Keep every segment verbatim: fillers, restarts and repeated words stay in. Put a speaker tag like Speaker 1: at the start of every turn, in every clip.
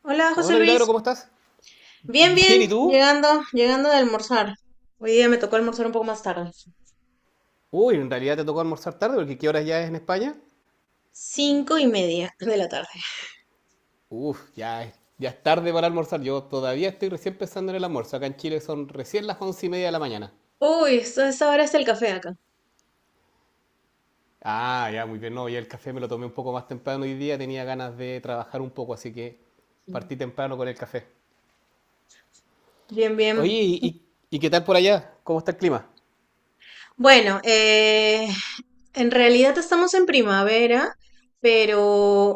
Speaker 1: Hola, José
Speaker 2: Hola Milagro,
Speaker 1: Luis.
Speaker 2: ¿cómo estás?
Speaker 1: Bien,
Speaker 2: Bien,
Speaker 1: bien,
Speaker 2: ¿y tú?
Speaker 1: llegando, llegando de almorzar. Hoy día me tocó almorzar un poco más tarde.
Speaker 2: Uy, en realidad te tocó almorzar tarde porque ¿qué horas ya es en España?
Speaker 1: Cinco y media de la tarde.
Speaker 2: Uf, ya es, ya es tarde para almorzar. Yo todavía estoy recién pensando en el almuerzo. Acá en Chile son recién las once y media de la mañana.
Speaker 1: Uy, esto- esta hora está el café acá.
Speaker 2: Ah, ya, muy bien. No, ya el café me lo tomé un poco más temprano hoy día. Tenía ganas de trabajar un poco, así que partí temprano con el café.
Speaker 1: Bien,
Speaker 2: Oye,
Speaker 1: bien.
Speaker 2: ¿y, y- y qué tal por allá? ¿Cómo está el clima?
Speaker 1: Bueno, eh, en realidad estamos en primavera, pero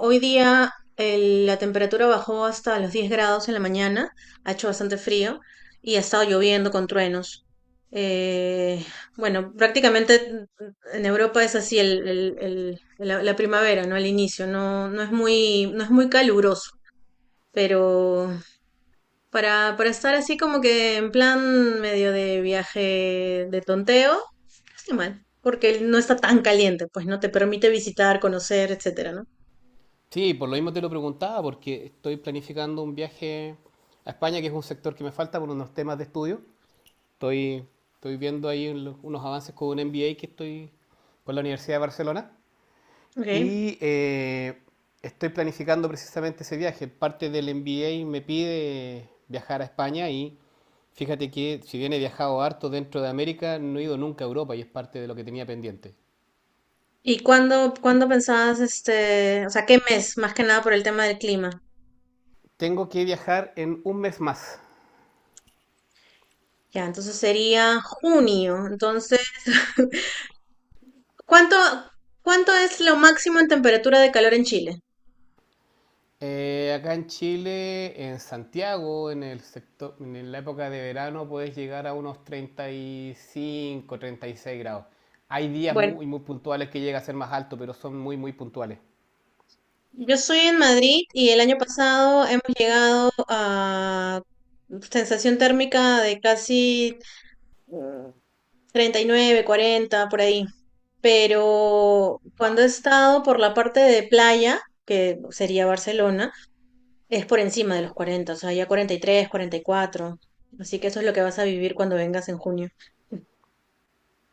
Speaker 1: hoy día el- la temperatura bajó hasta los diez grados en la mañana, ha hecho bastante frío y ha estado lloviendo con truenos. Eh, bueno, prácticamente en Europa es así el, el- el- la, la primavera, ¿no? Al inicio, no, no es muy, no es muy caluroso, pero para, para estar así como que en plan medio de viaje de tonteo. Qué mal, porque no está tan caliente, pues no te permite visitar, conocer, etcétera, ¿no?
Speaker 2: Sí, por lo mismo te lo preguntaba, porque estoy planificando un viaje a España, que es un sector que me falta por unos temas de estudio. Estoy, estoy viendo ahí unos avances con un M B A que estoy con la Universidad de Barcelona
Speaker 1: Okay.
Speaker 2: y eh, estoy planificando precisamente ese viaje. Parte del M B A me pide viajar a España y fíjate que si bien he viajado harto dentro de América, no he ido nunca a Europa y es parte de lo que tenía pendiente.
Speaker 1: ¿Y cuándo, cuándo pensabas, este, o sea, qué mes, más que nada por el tema del clima?
Speaker 2: Tengo que viajar en un mes más.
Speaker 1: Ya, entonces sería junio. Entonces, ¿cuánto, cuánto es lo máximo en temperatura de calor en Chile?
Speaker 2: Eh, acá en Chile, en Santiago, en el sector, en la época de verano, puedes llegar a unos treinta, treinta y cinco, treinta y seis grados. Hay días
Speaker 1: Bueno,
Speaker 2: muy, muy puntuales que llega a ser más alto, pero son muy, muy puntuales.
Speaker 1: yo soy en Madrid y el año pasado hemos llegado a sensación térmica de casi mm, treinta y nueve, cuarenta, por ahí. Pero cuando he
Speaker 2: ¡Wow!
Speaker 1: estado por la parte de playa, que sería Barcelona, es por encima de los cuarenta, o sea, ya cuarenta, cuarenta y tres, cuarenta y cuatro. Así que eso es lo que vas a vivir cuando vengas en junio.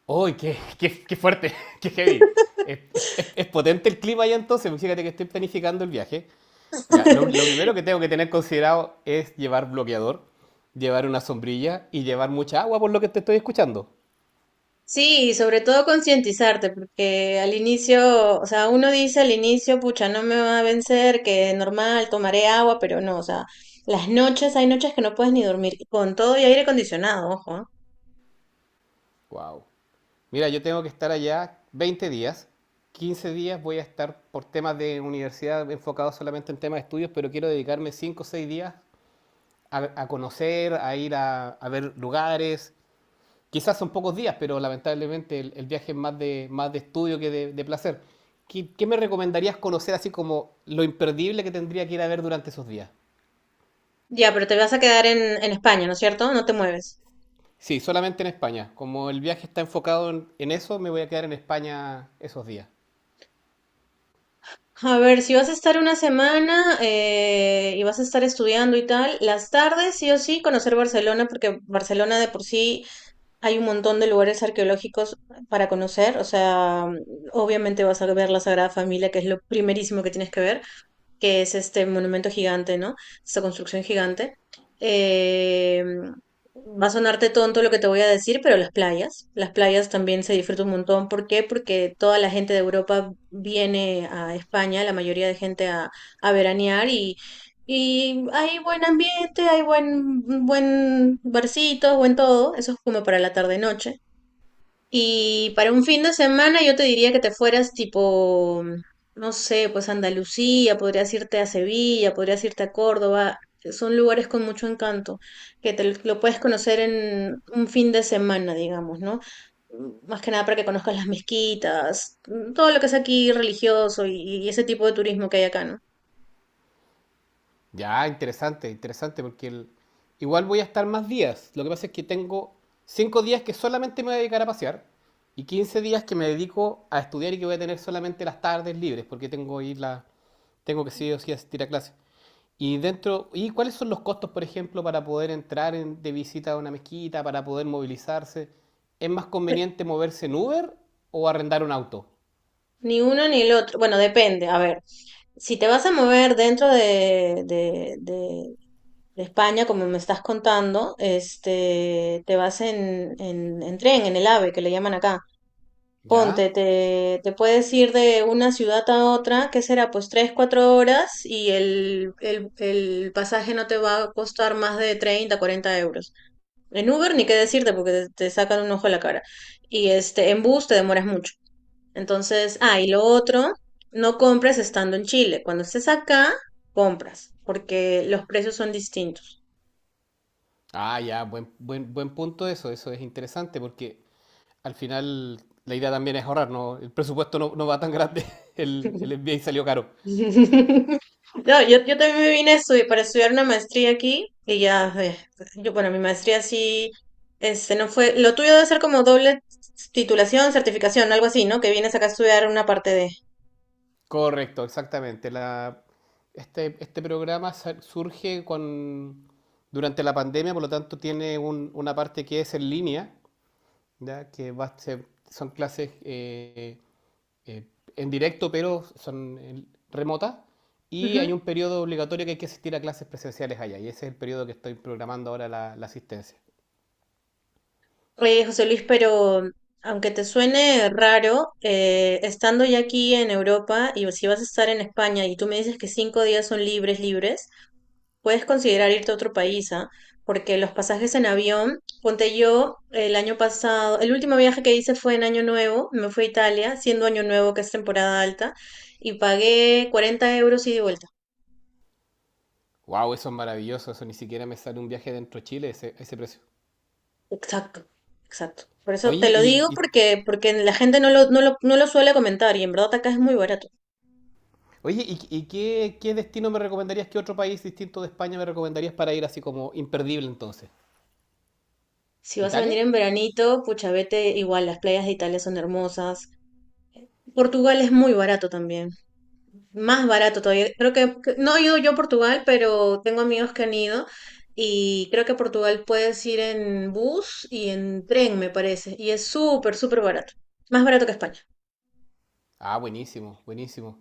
Speaker 2: ¡Uy, qué, qué, qué fuerte! ¡Qué heavy! Es, es- es- potente el clima allá entonces, porque fíjate que estoy planificando el viaje. Ya, lo, lo primero que tengo que tener considerado es llevar bloqueador, llevar una sombrilla y llevar mucha agua, por lo que te estoy escuchando.
Speaker 1: Sí, y sobre todo concientizarte, porque al inicio, o sea, uno dice al inicio, pucha, no me va a vencer, que normal, tomaré agua, pero no, o sea, las noches, hay noches que no puedes ni dormir, con todo y aire acondicionado, ojo. ¿Ah?
Speaker 2: ¡Wow! Mira, yo tengo que estar allá veinte días. quince días voy a estar por temas de universidad enfocado solamente en temas de estudios, pero quiero dedicarme cinco o seis días a, a conocer, a ir a, a ver lugares. Quizás son pocos días, pero lamentablemente el, el viaje es más de, más de estudio que de, de placer. ¿Qué, qué me recomendarías conocer así como lo imperdible que tendría que ir a ver durante esos días?
Speaker 1: Ya, pero te vas a quedar en, en España, ¿no es cierto? No te mueves.
Speaker 2: Sí, solamente en España. Como el viaje está enfocado en, en eso, me voy a quedar en España esos días.
Speaker 1: A ver, si vas a estar una semana eh, y vas a estar estudiando y tal, las tardes sí o sí conocer Barcelona, porque Barcelona de por sí hay un montón de lugares arqueológicos para conocer, o sea, obviamente vas a ver la Sagrada Familia, que es lo primerísimo que tienes que ver, que es este monumento gigante, ¿no? Esta construcción gigante. Eh, va a sonarte tonto lo que te voy a decir, pero las playas, las playas también se disfrutan un montón. ¿Por qué? Porque toda la gente de Europa viene a España, la mayoría de gente a, a veranear y, y hay buen ambiente, hay buen, buen barcito, buen todo. Eso es como para la tarde-noche. Y para un fin de semana yo te diría que te fueras tipo, no sé, pues a Andalucía, podrías irte a Sevilla, podrías irte a Córdoba. Son lugares con mucho encanto, que te lo lo puedes conocer en un fin de semana, digamos, ¿no? Mm, más que nada para que conozcas las mezquitas, mm, todo lo que es aquí religioso y, y ese tipo de turismo que hay acá, ¿no?
Speaker 2: Ya, interesante, interesante, porque el- igual voy a estar más días. Lo que pasa es que tengo cinco días que solamente me voy a dedicar a pasear y quince días que me dedico a estudiar y que voy a tener solamente las tardes libres, porque tengo ir la, tengo que sí o sí asistir a clases. Y dentro, ¿y cuáles son los costos, por ejemplo, para poder entrar en- de visita a una mezquita, para poder movilizarse? ¿Es más
Speaker 1: Eh,
Speaker 2: conveniente moverse en Uber o arrendar un auto?
Speaker 1: ni uno ni el otro. Bueno, depende. A ver, si te vas a mover dentro de, de, de España, como me estás contando, este, te vas en, en, en tren, en el A V E, que le llaman acá. Ponte,
Speaker 2: ¿Ya?
Speaker 1: te, te puedes ir de una ciudad a otra, ¿qué será? Pues tres, cuatro horas y el, el, el pasaje no te va a costar más de treinta, cuarenta euros. En Uber ni qué decirte porque te, te sacan un ojo a la cara. Y este, en bus te demoras mucho. Entonces, ah, y lo otro, no compres estando en Chile. Cuando estés acá, compras, porque los precios son distintos.
Speaker 2: Ah, ya, buen, buen, buen punto eso, eso es interesante porque al final la idea también es ahorrar, ¿no? El presupuesto no, no va tan grande, el, el M B A salió caro.
Speaker 1: No, yo, yo también me vine a estudiar, para estudiar una maestría aquí y ya, eh, yo, bueno, mi maestría sí, este, no fue, lo tuyo debe ser como doble titulación, certificación, algo así, ¿no? Que vienes acá a estudiar una parte de...
Speaker 2: Correcto, exactamente. La, este, este programa surge con, durante la pandemia, por lo tanto tiene un- una parte que es en línea, ¿ya? que va a ser- son clases eh, eh, en directo, pero son eh, remotas. Y hay
Speaker 1: Ujú.
Speaker 2: un periodo obligatorio que hay que asistir a clases presenciales allá, y ese es el periodo que estoy programando ahora la, la asistencia.
Speaker 1: Oye, José Luis, pero aunque te suene raro, eh, estando ya aquí en Europa y si vas a estar en España y tú me dices que cinco días son libres, libres, puedes considerar irte a otro país, ¿ah? Porque los pasajes en avión, ponte yo el año pasado, el último viaje que hice fue en Año Nuevo, me fui a Italia, siendo Año Nuevo que es temporada alta, y pagué cuarenta euros ida y de vuelta.
Speaker 2: Wow, eso es maravilloso. Eso ni siquiera me sale un viaje dentro de Chile ese, ese precio.
Speaker 1: Exacto, exacto. Por eso
Speaker 2: Oye,
Speaker 1: te lo
Speaker 2: y,
Speaker 1: digo
Speaker 2: y-
Speaker 1: porque, porque la gente no lo, no lo, no lo suele comentar y en verdad acá es muy barato.
Speaker 2: oye, ¿y, y qué, qué destino me recomendarías? ¿Qué otro país distinto de España me recomendarías para ir así como imperdible entonces?
Speaker 1: Si vas a venir
Speaker 2: ¿Italia?
Speaker 1: en veranito, pucha, vete igual, las playas de Italia son hermosas. Portugal es muy barato también. Más barato todavía. Creo que, que- no he ido yo a Portugal, pero tengo amigos que han ido y creo que a Portugal puedes ir en bus y en tren, me parece. Y es súper, súper barato. Más barato que España.
Speaker 2: Ah, buenísimo, buenísimo.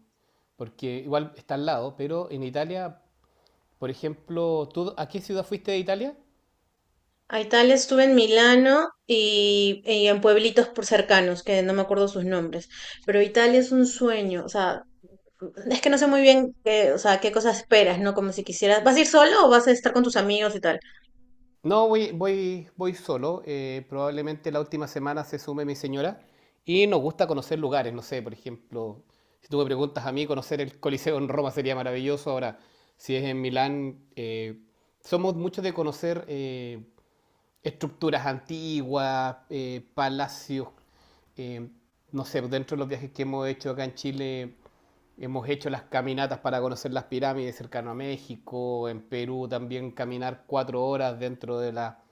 Speaker 2: Porque igual está al lado, pero en Italia, por ejemplo, ¿tú a qué ciudad fuiste de Italia?
Speaker 1: A Italia estuve en Milano y, y en pueblitos por cercanos, que no me acuerdo sus nombres. Pero Italia es un sueño. O sea, es que no sé muy bien qué, o sea, qué cosas esperas, ¿no? Como si quisieras, ¿vas a ir solo o vas a estar con tus amigos y tal?
Speaker 2: No, voy, voy, voy solo. Eh, probablemente la última semana se sume mi señora. Y nos gusta conocer lugares. No sé, por ejemplo, si tú me preguntas a mí, conocer el Coliseo en Roma sería maravilloso. Ahora, si es en Milán, eh, somos muchos de conocer eh, estructuras antiguas, eh, palacios, eh, no sé, dentro de los viajes que hemos hecho acá en Chile, hemos hecho las caminatas para conocer las pirámides cercano a México, en Perú también caminar cuatro horas dentro de, la,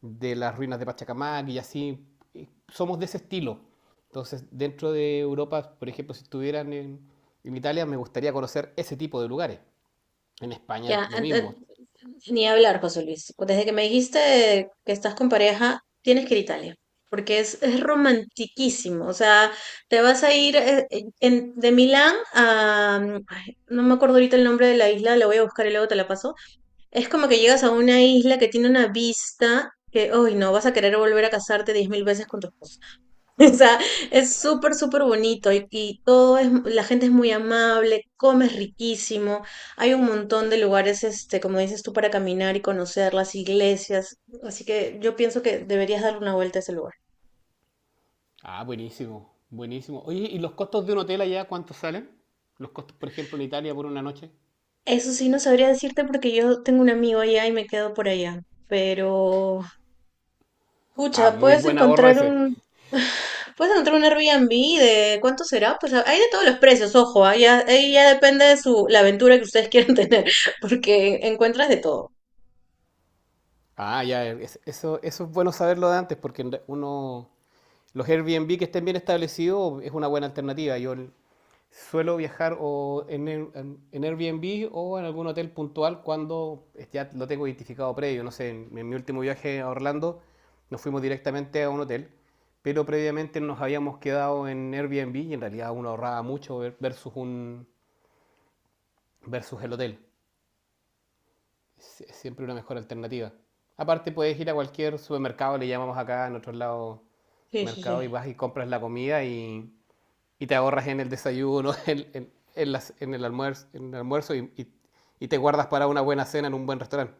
Speaker 2: de las ruinas de Pachacamac y así, eh, somos de ese estilo. Entonces, dentro de Europa, por ejemplo, si estuvieran en, en Italia, me gustaría conocer ese tipo de lugares. En España
Speaker 1: Ya,
Speaker 2: lo
Speaker 1: ent- ent-
Speaker 2: mismo.
Speaker 1: ni hablar, José Luis. Desde que me dijiste que estás con pareja, tienes que ir a Italia, porque es, es romantiquísimo. O sea, te vas a ir eh, eh, en- de Milán a... mm, ay, no me acuerdo ahorita el nombre de la isla, la voy a buscar y luego te la paso. Es como que llegas a una isla que tiene una vista que, uy, no, vas a querer volver a casarte diez mil veces con tu esposo. O sea, es súper, súper bonito y, y todo es, la gente es muy amable, comes riquísimo, hay un montón de lugares, este, como dices tú, para caminar y conocer las iglesias, así que yo pienso que deberías darle una vuelta a ese lugar.
Speaker 2: Ah, buenísimo, buenísimo. Oye, ¿y los costos de un hotel allá cuántos salen? Los costos, por ejemplo, en Italia por una noche.
Speaker 1: Eso sí, no sabría decirte porque yo tengo un amigo allá y me quedo por allá, pero
Speaker 2: Ah,
Speaker 1: pucha,
Speaker 2: muy
Speaker 1: puedes
Speaker 2: buen ahorro
Speaker 1: encontrar
Speaker 2: ese.
Speaker 1: un, puedes encontrar un Airbnb de ¿cuánto será? Pues hay de todos los precios, ojo, ahí ya, ahí ya depende de su, la aventura que ustedes quieran tener, porque encuentras de todo.
Speaker 2: Ah, ya, es- eso, eso es bueno saberlo de antes porque en re- uno, los Airbnb que estén bien establecidos es una buena alternativa. Yo suelo viajar o en, en- en Airbnb o en algún hotel puntual cuando ya lo tengo identificado previo. No sé, en, en mi último viaje a Orlando nos fuimos directamente a un hotel, pero previamente nos habíamos quedado en Airbnb y en realidad uno ahorraba mucho ver- versus, un, versus el hotel. Es, es siempre una mejor alternativa. Aparte puedes ir a cualquier supermercado, le llamamos acá en otros lados
Speaker 1: Sí, sí, sí.
Speaker 2: mercado y vas y compras la comida y y te ahorras en el desayuno, en, en, en las- en el almuerzo, en el almuerzo y, y- y te guardas para una buena cena en un buen restaurante.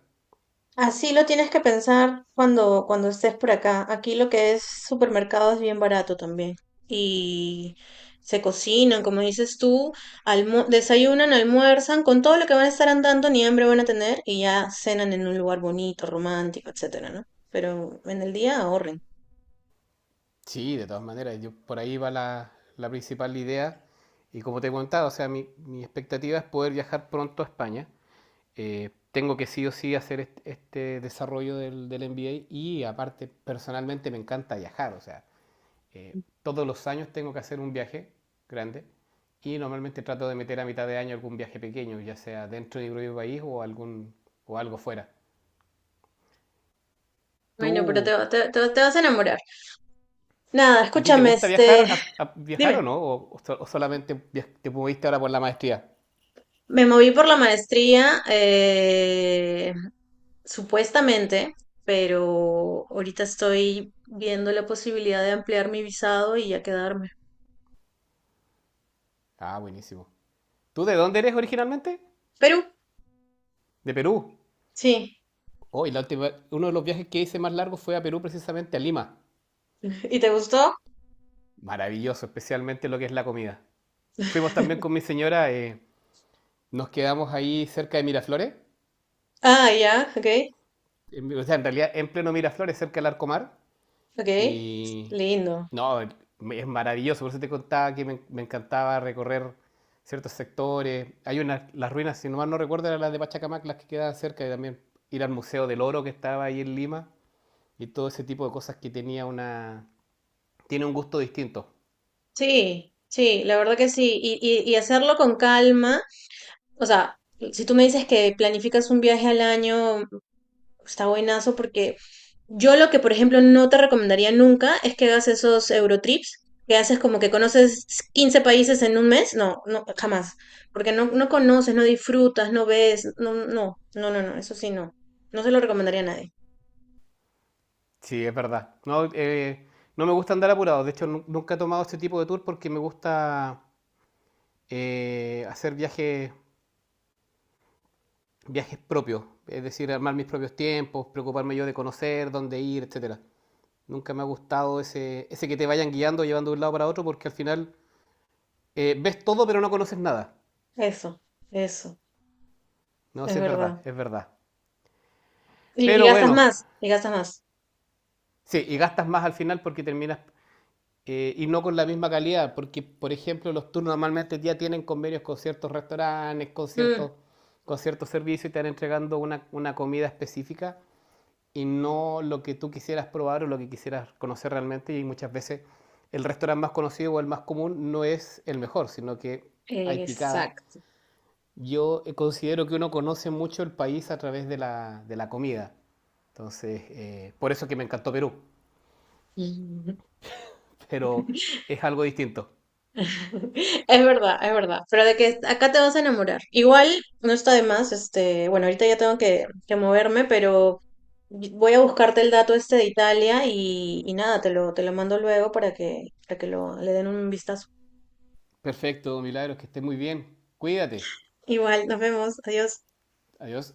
Speaker 1: Así lo tienes que pensar cuando, cuando estés por acá. Aquí lo que es supermercado es bien barato también. Y se cocinan, como dices tú, almu- desayunan, almuerzan, con todo lo que van a estar andando, ni hambre van a tener, y ya cenan en un lugar bonito, romántico, etcétera, ¿no? Pero en el día ahorren.
Speaker 2: Sí, de todas maneras, yo, por ahí va la, la principal idea. Y como te he contado, o sea, mi, mi expectativa es poder viajar pronto a España. Eh, tengo que sí o sí hacer este este, desarrollo del, del M B A y aparte, personalmente me encanta viajar, o sea, eh, todos los años tengo que hacer un viaje grande y normalmente trato de meter a mitad de año algún viaje pequeño, ya sea dentro de mi propio país o, algún, o algo fuera.
Speaker 1: Bueno, pero te,
Speaker 2: ¿Tú,
Speaker 1: va- te, te, te vas a enamorar. Nada,
Speaker 2: a ti te
Speaker 1: escúchame,
Speaker 2: gusta viajar,
Speaker 1: este,
Speaker 2: a- a- viajar o
Speaker 1: dime.
Speaker 2: no? ¿O, o so- solamente te moviste ahora por la maestría?
Speaker 1: Me moví por la maestría, eh, supuestamente, pero ahorita estoy viendo la posibilidad de ampliar mi visado y ya quedarme.
Speaker 2: Ah, buenísimo. ¿Tú de dónde eres originalmente?
Speaker 1: Perú,
Speaker 2: De Perú.
Speaker 1: sí.
Speaker 2: Oh, y la última, uno de los viajes que hice más largo fue a Perú, precisamente a Lima.
Speaker 1: ¿Y te gustó?
Speaker 2: Maravilloso, especialmente lo que es la comida. Fuimos también con mi señora, eh, nos quedamos ahí cerca de Miraflores.
Speaker 1: Ah, ya, ok,
Speaker 2: En, o sea, en realidad, en pleno Miraflores, cerca del Arcomar.
Speaker 1: ok.
Speaker 2: Y
Speaker 1: Lindo.
Speaker 2: no, es maravilloso. Por eso te contaba que me, me encantaba recorrer ciertos sectores. Hay unas, las ruinas, si no mal no recuerdo, eran las de Pachacamac, las que quedaban cerca. Y también ir al Museo del Oro que estaba ahí en Lima. Y todo ese tipo de cosas que tenía una... Tiene un gusto distinto.
Speaker 1: Sí, sí, la verdad que sí. Y, y, y hacerlo con calma. O sea, si tú me dices que planificas un viaje al año, está buenazo porque yo lo que, por ejemplo, no te recomendaría nunca es que hagas esos Eurotrips, que haces como que conoces quince países en un mes. No, no, jamás. Porque no, no conoces, no disfrutas, no ves. No, no, no, no, no, eso sí, no. No se lo recomendaría a nadie.
Speaker 2: Sí, es verdad. No, eh, no me gusta andar apurado. De hecho, nu- nunca he tomado este tipo de tour porque me gusta eh, hacer viajes viajes propios, es decir, armar mis propios tiempos, preocuparme yo de conocer, dónde ir, etcétera. Nunca me ha gustado ese, ese que te vayan guiando, llevando de un lado para otro, porque al final eh, ves todo pero no conoces nada.
Speaker 1: Eso, eso,
Speaker 2: No,
Speaker 1: es
Speaker 2: sí es verdad,
Speaker 1: verdad.
Speaker 2: es verdad.
Speaker 1: Y y
Speaker 2: Pero
Speaker 1: gastas
Speaker 2: bueno,
Speaker 1: más, y gastas más.
Speaker 2: sí, y gastas más al final porque terminas eh, y no con la misma calidad, porque por ejemplo los tours normalmente ya tienen convenios con ciertos restaurantes, con
Speaker 1: Mm,
Speaker 2: ciertos, con ciertos servicios y te van entregando una, una comida específica y no lo que tú quisieras probar o lo que quisieras conocer realmente. Y muchas veces el restaurante más conocido o el más común no es el mejor, sino que hay picada.
Speaker 1: exacto.
Speaker 2: Yo eh, considero que uno conoce mucho el país a través de la, de la comida. Entonces, eh, por eso que me encantó Perú, pero es algo distinto.
Speaker 1: Es verdad, es verdad. Pero de que acá te vas a enamorar. Igual no está de más, este, bueno, ahorita ya tengo que, que moverme, pero voy a buscarte el dato este de Italia y, y nada, te lo, te lo mando luego para que, para que lo, le den un vistazo.
Speaker 2: Perfecto, Milagros, que estés muy bien. Cuídate.
Speaker 1: Igual, nos vemos. Adiós.
Speaker 2: Adiós.